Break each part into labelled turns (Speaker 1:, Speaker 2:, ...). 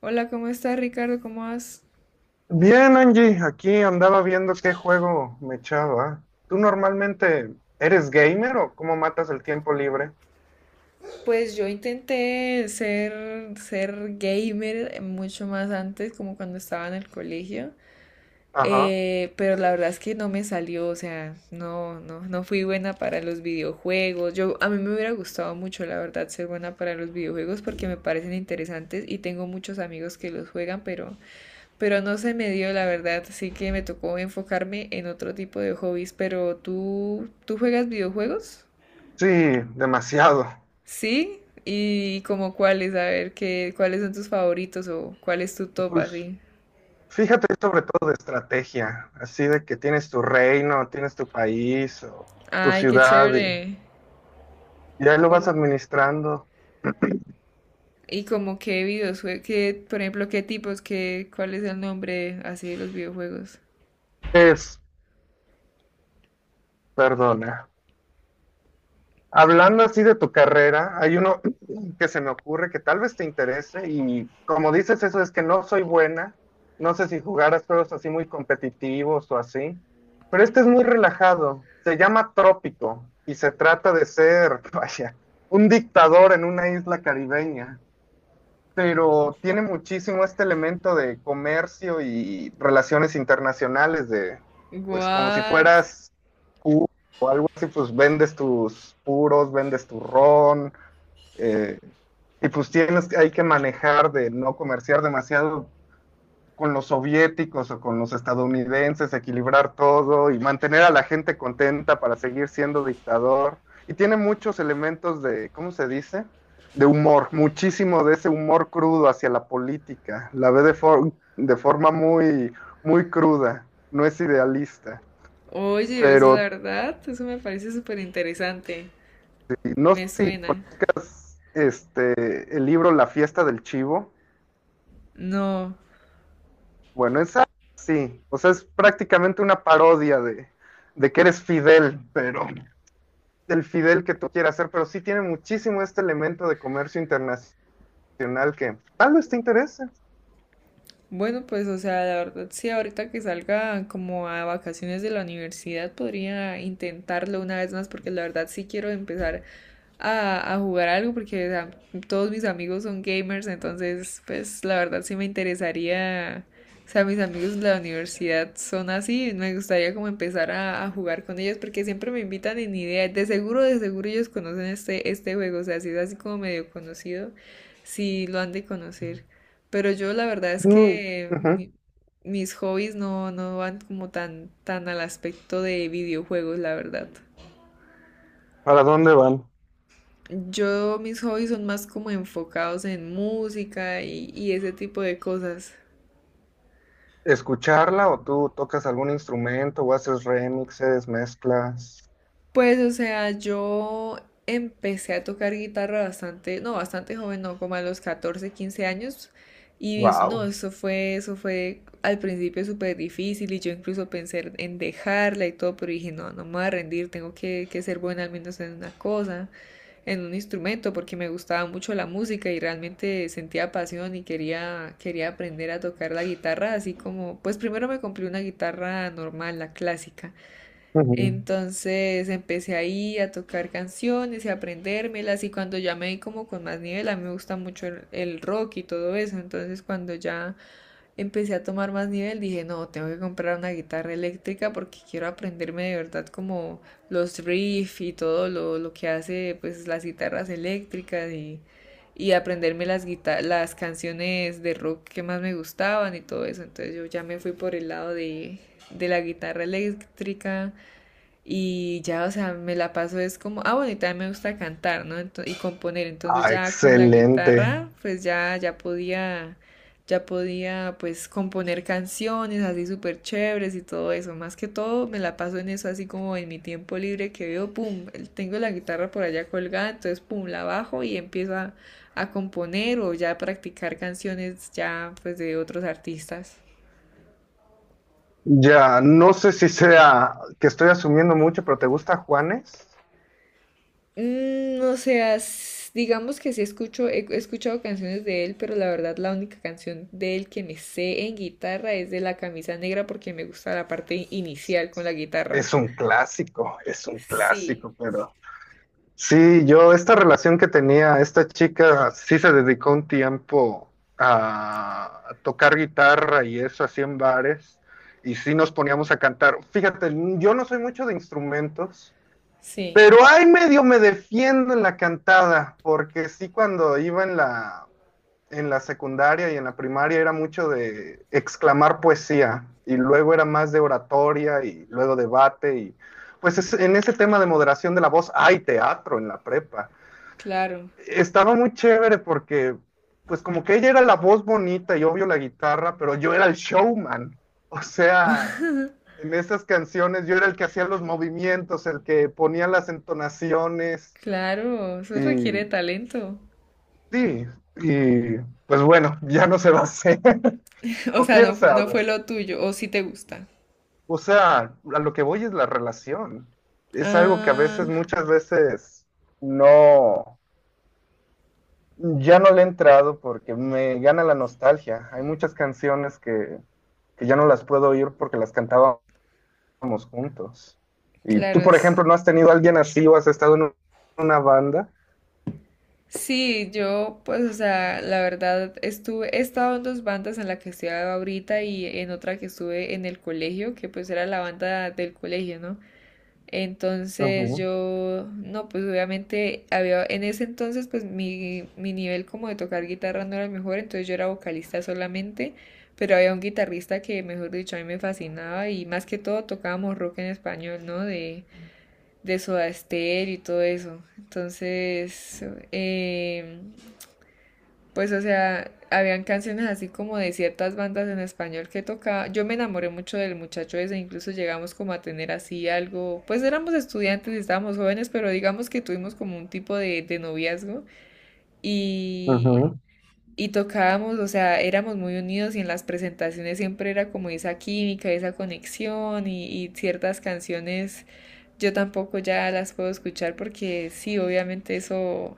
Speaker 1: Hola, ¿cómo estás, Ricardo? ¿Cómo vas?
Speaker 2: Bien, Angie, aquí andaba viendo qué juego me echaba. ¿Tú normalmente eres gamer o cómo matas el tiempo libre?
Speaker 1: Pues yo intenté ser gamer mucho más antes, como cuando estaba en el colegio,
Speaker 2: Ajá.
Speaker 1: pero la verdad es que no me salió, o sea, no fui buena para los videojuegos. Yo, a mí me hubiera gustado mucho, la verdad, ser buena para los videojuegos porque me parecen interesantes y tengo muchos amigos que los juegan, pero no se me dio, la verdad, así que me tocó enfocarme en otro tipo de hobbies. Pero tú, ¿tú juegas videojuegos?
Speaker 2: Sí, demasiado.
Speaker 1: ¿Sí? Y como cuáles, a ver, qué, cuáles son tus favoritos o cuál es tu top
Speaker 2: Pues
Speaker 1: así.
Speaker 2: fíjate, sobre todo de estrategia, así de que tienes tu reino, tienes tu país o tu
Speaker 1: Ay, qué
Speaker 2: ciudad y
Speaker 1: chévere.
Speaker 2: ya lo vas
Speaker 1: Con-
Speaker 2: administrando.
Speaker 1: y como qué videojuegos, qué, por ejemplo, qué tipos, qué, cuál es el nombre así de los videojuegos.
Speaker 2: Es, perdona. Hablando así de tu carrera, hay uno que se me ocurre que tal vez te interese y como dices eso es que no soy buena, no sé si jugaras juegos así muy competitivos o así, pero este es muy relajado, se llama Trópico y se trata de ser, vaya, un dictador en una isla caribeña, pero tiene muchísimo este elemento de comercio y relaciones internacionales, de pues como si
Speaker 1: What?
Speaker 2: fueras, y pues vendes tus puros, vendes tu ron, eh, y pues tienes, hay que manejar de no comerciar demasiado con los soviéticos o con los estadounidenses, equilibrar todo y mantener a la gente contenta para seguir siendo dictador. Y tiene muchos elementos de, ¿cómo se dice? De humor, muchísimo de ese humor crudo hacia la política. La ve de, de forma muy, muy cruda, no es idealista.
Speaker 1: Oye, eso la
Speaker 2: Pero
Speaker 1: verdad, eso me parece súper interesante.
Speaker 2: no
Speaker 1: Me
Speaker 2: sé si
Speaker 1: suena.
Speaker 2: este, el libro La fiesta del chivo.
Speaker 1: No.
Speaker 2: Bueno, esa sí, o sea, es prácticamente una parodia de que eres Fidel, pero del Fidel que tú quieras ser, pero sí tiene muchísimo este elemento de comercio internacional que tal vez te interese.
Speaker 1: Bueno, pues, o sea, la verdad, sí, ahorita que salga como a vacaciones de la universidad, podría intentarlo una vez más, porque la verdad sí quiero empezar a jugar algo, porque o sea, todos mis amigos son gamers, entonces, pues, la verdad sí me interesaría, o sea, mis amigos de la universidad son así, me gustaría como empezar a jugar con ellos, porque siempre me invitan en idea, de seguro ellos conocen este juego, o sea, si es así como medio conocido, sí lo han de conocer. Pero yo la verdad es
Speaker 2: Mm,
Speaker 1: que
Speaker 2: ujú.
Speaker 1: mis hobbies no, no van como tan al aspecto de videojuegos, la verdad.
Speaker 2: ¿Para dónde van?
Speaker 1: Yo mis hobbies son más como enfocados en música y ese tipo de cosas.
Speaker 2: ¿Escucharla o tú tocas algún instrumento o haces remixes, mezclas?
Speaker 1: Pues, o sea, yo empecé a tocar guitarra bastante joven, no, como a los 14, 15 años. Y no,
Speaker 2: Wow.
Speaker 1: eso fue al principio súper difícil y yo incluso pensé en dejarla y todo, pero dije, no, no me voy a rendir, tengo que ser buena al menos en una cosa, en un instrumento, porque me gustaba mucho la música y realmente sentía pasión y quería aprender a tocar la guitarra, así como, pues primero me compré una guitarra normal, la clásica.
Speaker 2: Ujú.
Speaker 1: Entonces empecé ahí a tocar canciones y a aprendérmelas y cuando ya me di como con más nivel, a mí me gusta mucho el rock y todo eso, entonces cuando ya empecé a tomar más nivel dije, no, tengo que comprar una guitarra eléctrica porque quiero aprenderme de verdad como los riffs y todo lo que hace pues las guitarras eléctricas y aprenderme las las canciones de rock que más me gustaban y todo eso, entonces yo ya me fui por el lado de la guitarra eléctrica. Y ya, o sea, me la paso es como, ah, bueno, y también me gusta cantar, ¿no? Y componer. Entonces
Speaker 2: Ah,
Speaker 1: ya con la
Speaker 2: excelente.
Speaker 1: guitarra, pues ya, ya podía, pues, componer canciones así súper chéveres y todo eso. Más que todo, me la paso en eso así como en mi tiempo libre que veo, pum, tengo la guitarra por allá colgada, entonces, pum, la bajo y empiezo a componer o ya a practicar canciones ya, pues, de otros artistas.
Speaker 2: Ya, no sé si sea que estoy asumiendo mucho, pero ¿te gusta Juanes?
Speaker 1: Mm, o sea, digamos que sí escucho, he escuchado canciones de él, pero la verdad la única canción de él que me sé en guitarra es de La Camisa Negra porque me gusta la parte inicial con la guitarra.
Speaker 2: Es un
Speaker 1: Sí,
Speaker 2: clásico, pero sí, yo esta relación que tenía esta chica sí se dedicó un tiempo a tocar guitarra y eso así en bares y sí nos poníamos a cantar. Fíjate, yo no soy mucho de instrumentos.
Speaker 1: sí,
Speaker 2: Pero ahí medio me defiendo en la cantada, porque sí cuando iba en la secundaria y en la primaria era mucho de exclamar poesía y luego era más de oratoria y luego debate y pues en ese tema de moderación de la voz hay teatro en la prepa,
Speaker 1: claro,
Speaker 2: estaba muy chévere porque, pues como que ella era la voz bonita y obvio la guitarra, pero yo era el showman. O sea, en esas canciones yo era el que hacía los movimientos, el que ponía las entonaciones
Speaker 1: claro, eso
Speaker 2: y
Speaker 1: requiere talento.
Speaker 2: sí, y pues bueno, ya no se va a hacer.
Speaker 1: O
Speaker 2: O
Speaker 1: sea,
Speaker 2: quién
Speaker 1: no, no
Speaker 2: sabe.
Speaker 1: fue lo tuyo, o si te gusta.
Speaker 2: O sea, a lo que voy es la relación. Es algo que a
Speaker 1: Ah,
Speaker 2: veces, muchas veces, no. Ya no le he entrado porque me gana la nostalgia. Hay muchas canciones que ya no las puedo oír porque las cantábamos juntos. Y
Speaker 1: claro,
Speaker 2: tú, por ejemplo, ¿no has tenido a alguien así o has estado en una banda?
Speaker 1: sí, yo pues, o sea, la verdad estuve, he estado en dos bandas en la que estoy ahorita y en otra que estuve en el colegio, que pues era la banda del colegio, ¿no? Entonces
Speaker 2: Ujú,
Speaker 1: yo, no, pues obviamente había, en ese entonces pues mi nivel como de tocar guitarra no era el mejor, entonces yo era vocalista solamente, pero había un guitarrista que, mejor dicho, a mí me fascinaba y más que todo tocábamos rock en español, ¿no? De Soda Stereo y todo eso. Entonces, em, pues, o sea, habían canciones así como de ciertas bandas en español que tocaba. Yo me enamoré mucho del muchacho ese, incluso llegamos como a tener así algo. Pues éramos estudiantes y estábamos jóvenes, pero digamos que tuvimos como un tipo de noviazgo y,
Speaker 2: ujú.
Speaker 1: y tocábamos, o sea, éramos muy unidos y en las presentaciones siempre era como esa química, esa conexión y ciertas canciones yo tampoco ya las puedo escuchar porque sí, obviamente eso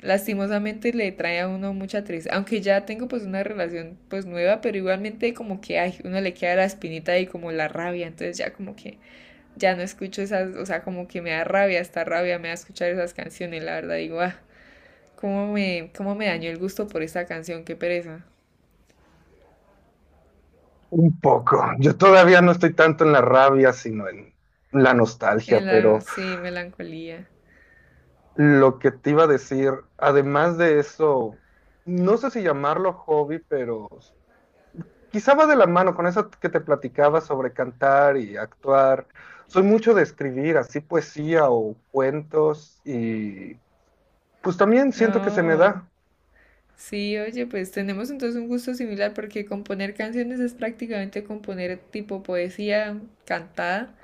Speaker 1: lastimosamente le trae a uno mucha tristeza, aunque ya tengo pues una relación pues nueva, pero igualmente como que ay, uno le queda la espinita y como la rabia, entonces ya como que ya no escucho esas, o sea, como que me da rabia, esta rabia me da escuchar esas canciones, la verdad digo, ah, cómo me dañó el gusto por esta canción, qué pereza.
Speaker 2: Un poco. Yo todavía no estoy tanto en la rabia, sino en la nostalgia, pero
Speaker 1: Sí, melancolía.
Speaker 2: lo que te iba a decir, además de eso, no sé si llamarlo hobby, pero quizá va de la mano con eso que te platicaba sobre cantar y actuar. Soy mucho de escribir así poesía o cuentos y pues también siento que se me
Speaker 1: Oh.
Speaker 2: da
Speaker 1: Sí, oye, pues tenemos entonces un gusto similar porque componer canciones es prácticamente componer tipo poesía cantada.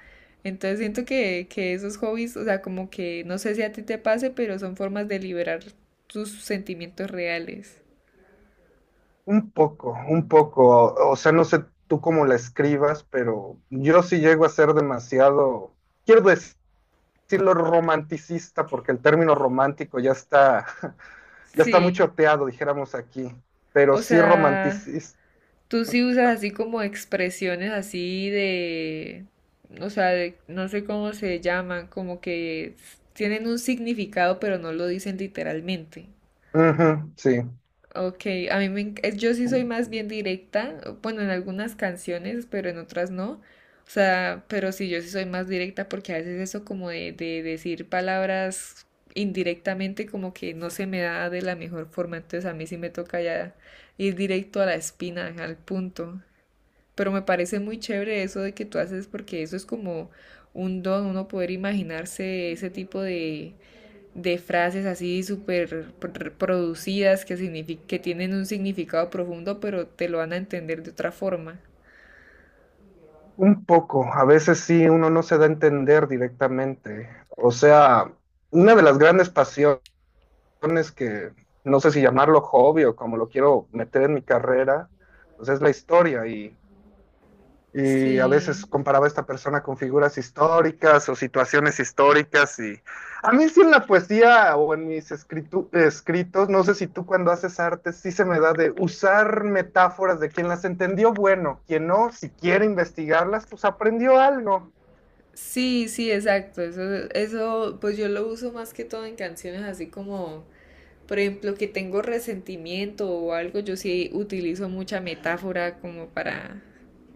Speaker 1: Entonces siento que esos hobbies, o sea, como que no sé si a ti te pase, pero son formas de liberar tus sentimientos reales.
Speaker 2: un poco, un poco. O sea, no sé tú cómo la escribas, pero yo sí llego a ser demasiado, quiero decirlo romanticista, porque el término romántico ya está, ya está muy
Speaker 1: Sí,
Speaker 2: choteado, dijéramos aquí, pero
Speaker 1: o
Speaker 2: sí
Speaker 1: sea,
Speaker 2: romanticista.
Speaker 1: tú sí usas así como expresiones así de, o sea, no sé cómo se llaman, como que tienen un significado pero no lo dicen literalmente.
Speaker 2: Ujú, sí.
Speaker 1: Ok, a mí me, enc- yo sí soy más bien directa, bueno, en algunas canciones, pero en otras no. O sea, pero sí, yo sí soy más directa porque a veces eso como de decir palabras indirectamente como que no se me da de la mejor forma, entonces a mí sí me toca ya ir directo a la espina, al punto. Pero me parece muy chévere eso de que tú haces porque eso es como un don, uno poder imaginarse ese tipo de frases así súper producidas que, signific que tienen un significado profundo, pero te lo van a entender de otra forma.
Speaker 2: Un poco, a veces sí, uno no se da a entender directamente. O sea, una de las grandes pasiones que no sé si llamarlo hobby o como lo quiero meter en mi carrera, pues es la historia, y a veces
Speaker 1: Sí,
Speaker 2: comparaba a esta persona con figuras históricas o situaciones históricas y a mí sí en la poesía o en mis escritos, no sé si tú cuando haces arte, sí se me da de usar metáforas de quien las entendió, bueno, quien no, si quiere investigarlas, pues aprendió algo.
Speaker 1: sí, exacto. Eso, pues yo lo uso más que todo en canciones así como por ejemplo, que tengo resentimiento o algo, yo sí utilizo mucha metáfora como para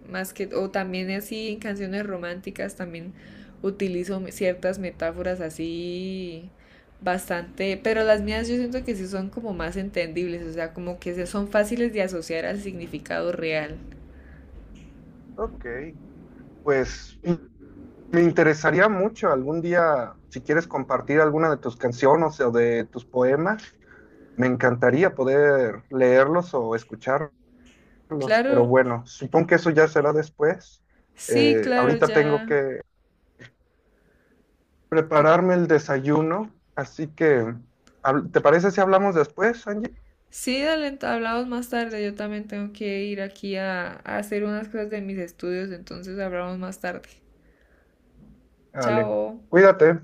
Speaker 1: más que o también así en canciones románticas también utilizo ciertas metáforas así bastante, pero las mías yo siento que sí son como más entendibles, o sea, como que son fáciles de asociar al significado real.
Speaker 2: Ok, pues me interesaría mucho algún día, si quieres compartir alguna de tus canciones o de tus poemas, me encantaría poder leerlos o escucharlos. Carlos, pero
Speaker 1: Claro,
Speaker 2: bueno, supongo que eso ya será después.
Speaker 1: sí, claro,
Speaker 2: Ahorita tengo
Speaker 1: ya.
Speaker 2: que prepararme el desayuno, así que, ¿te parece si hablamos después, Angie?
Speaker 1: Sí, dale, hablamos más tarde. Yo también tengo que ir aquí a hacer unas cosas de mis estudios, entonces hablamos más tarde.
Speaker 2: Dale,
Speaker 1: Chao.
Speaker 2: cuídate.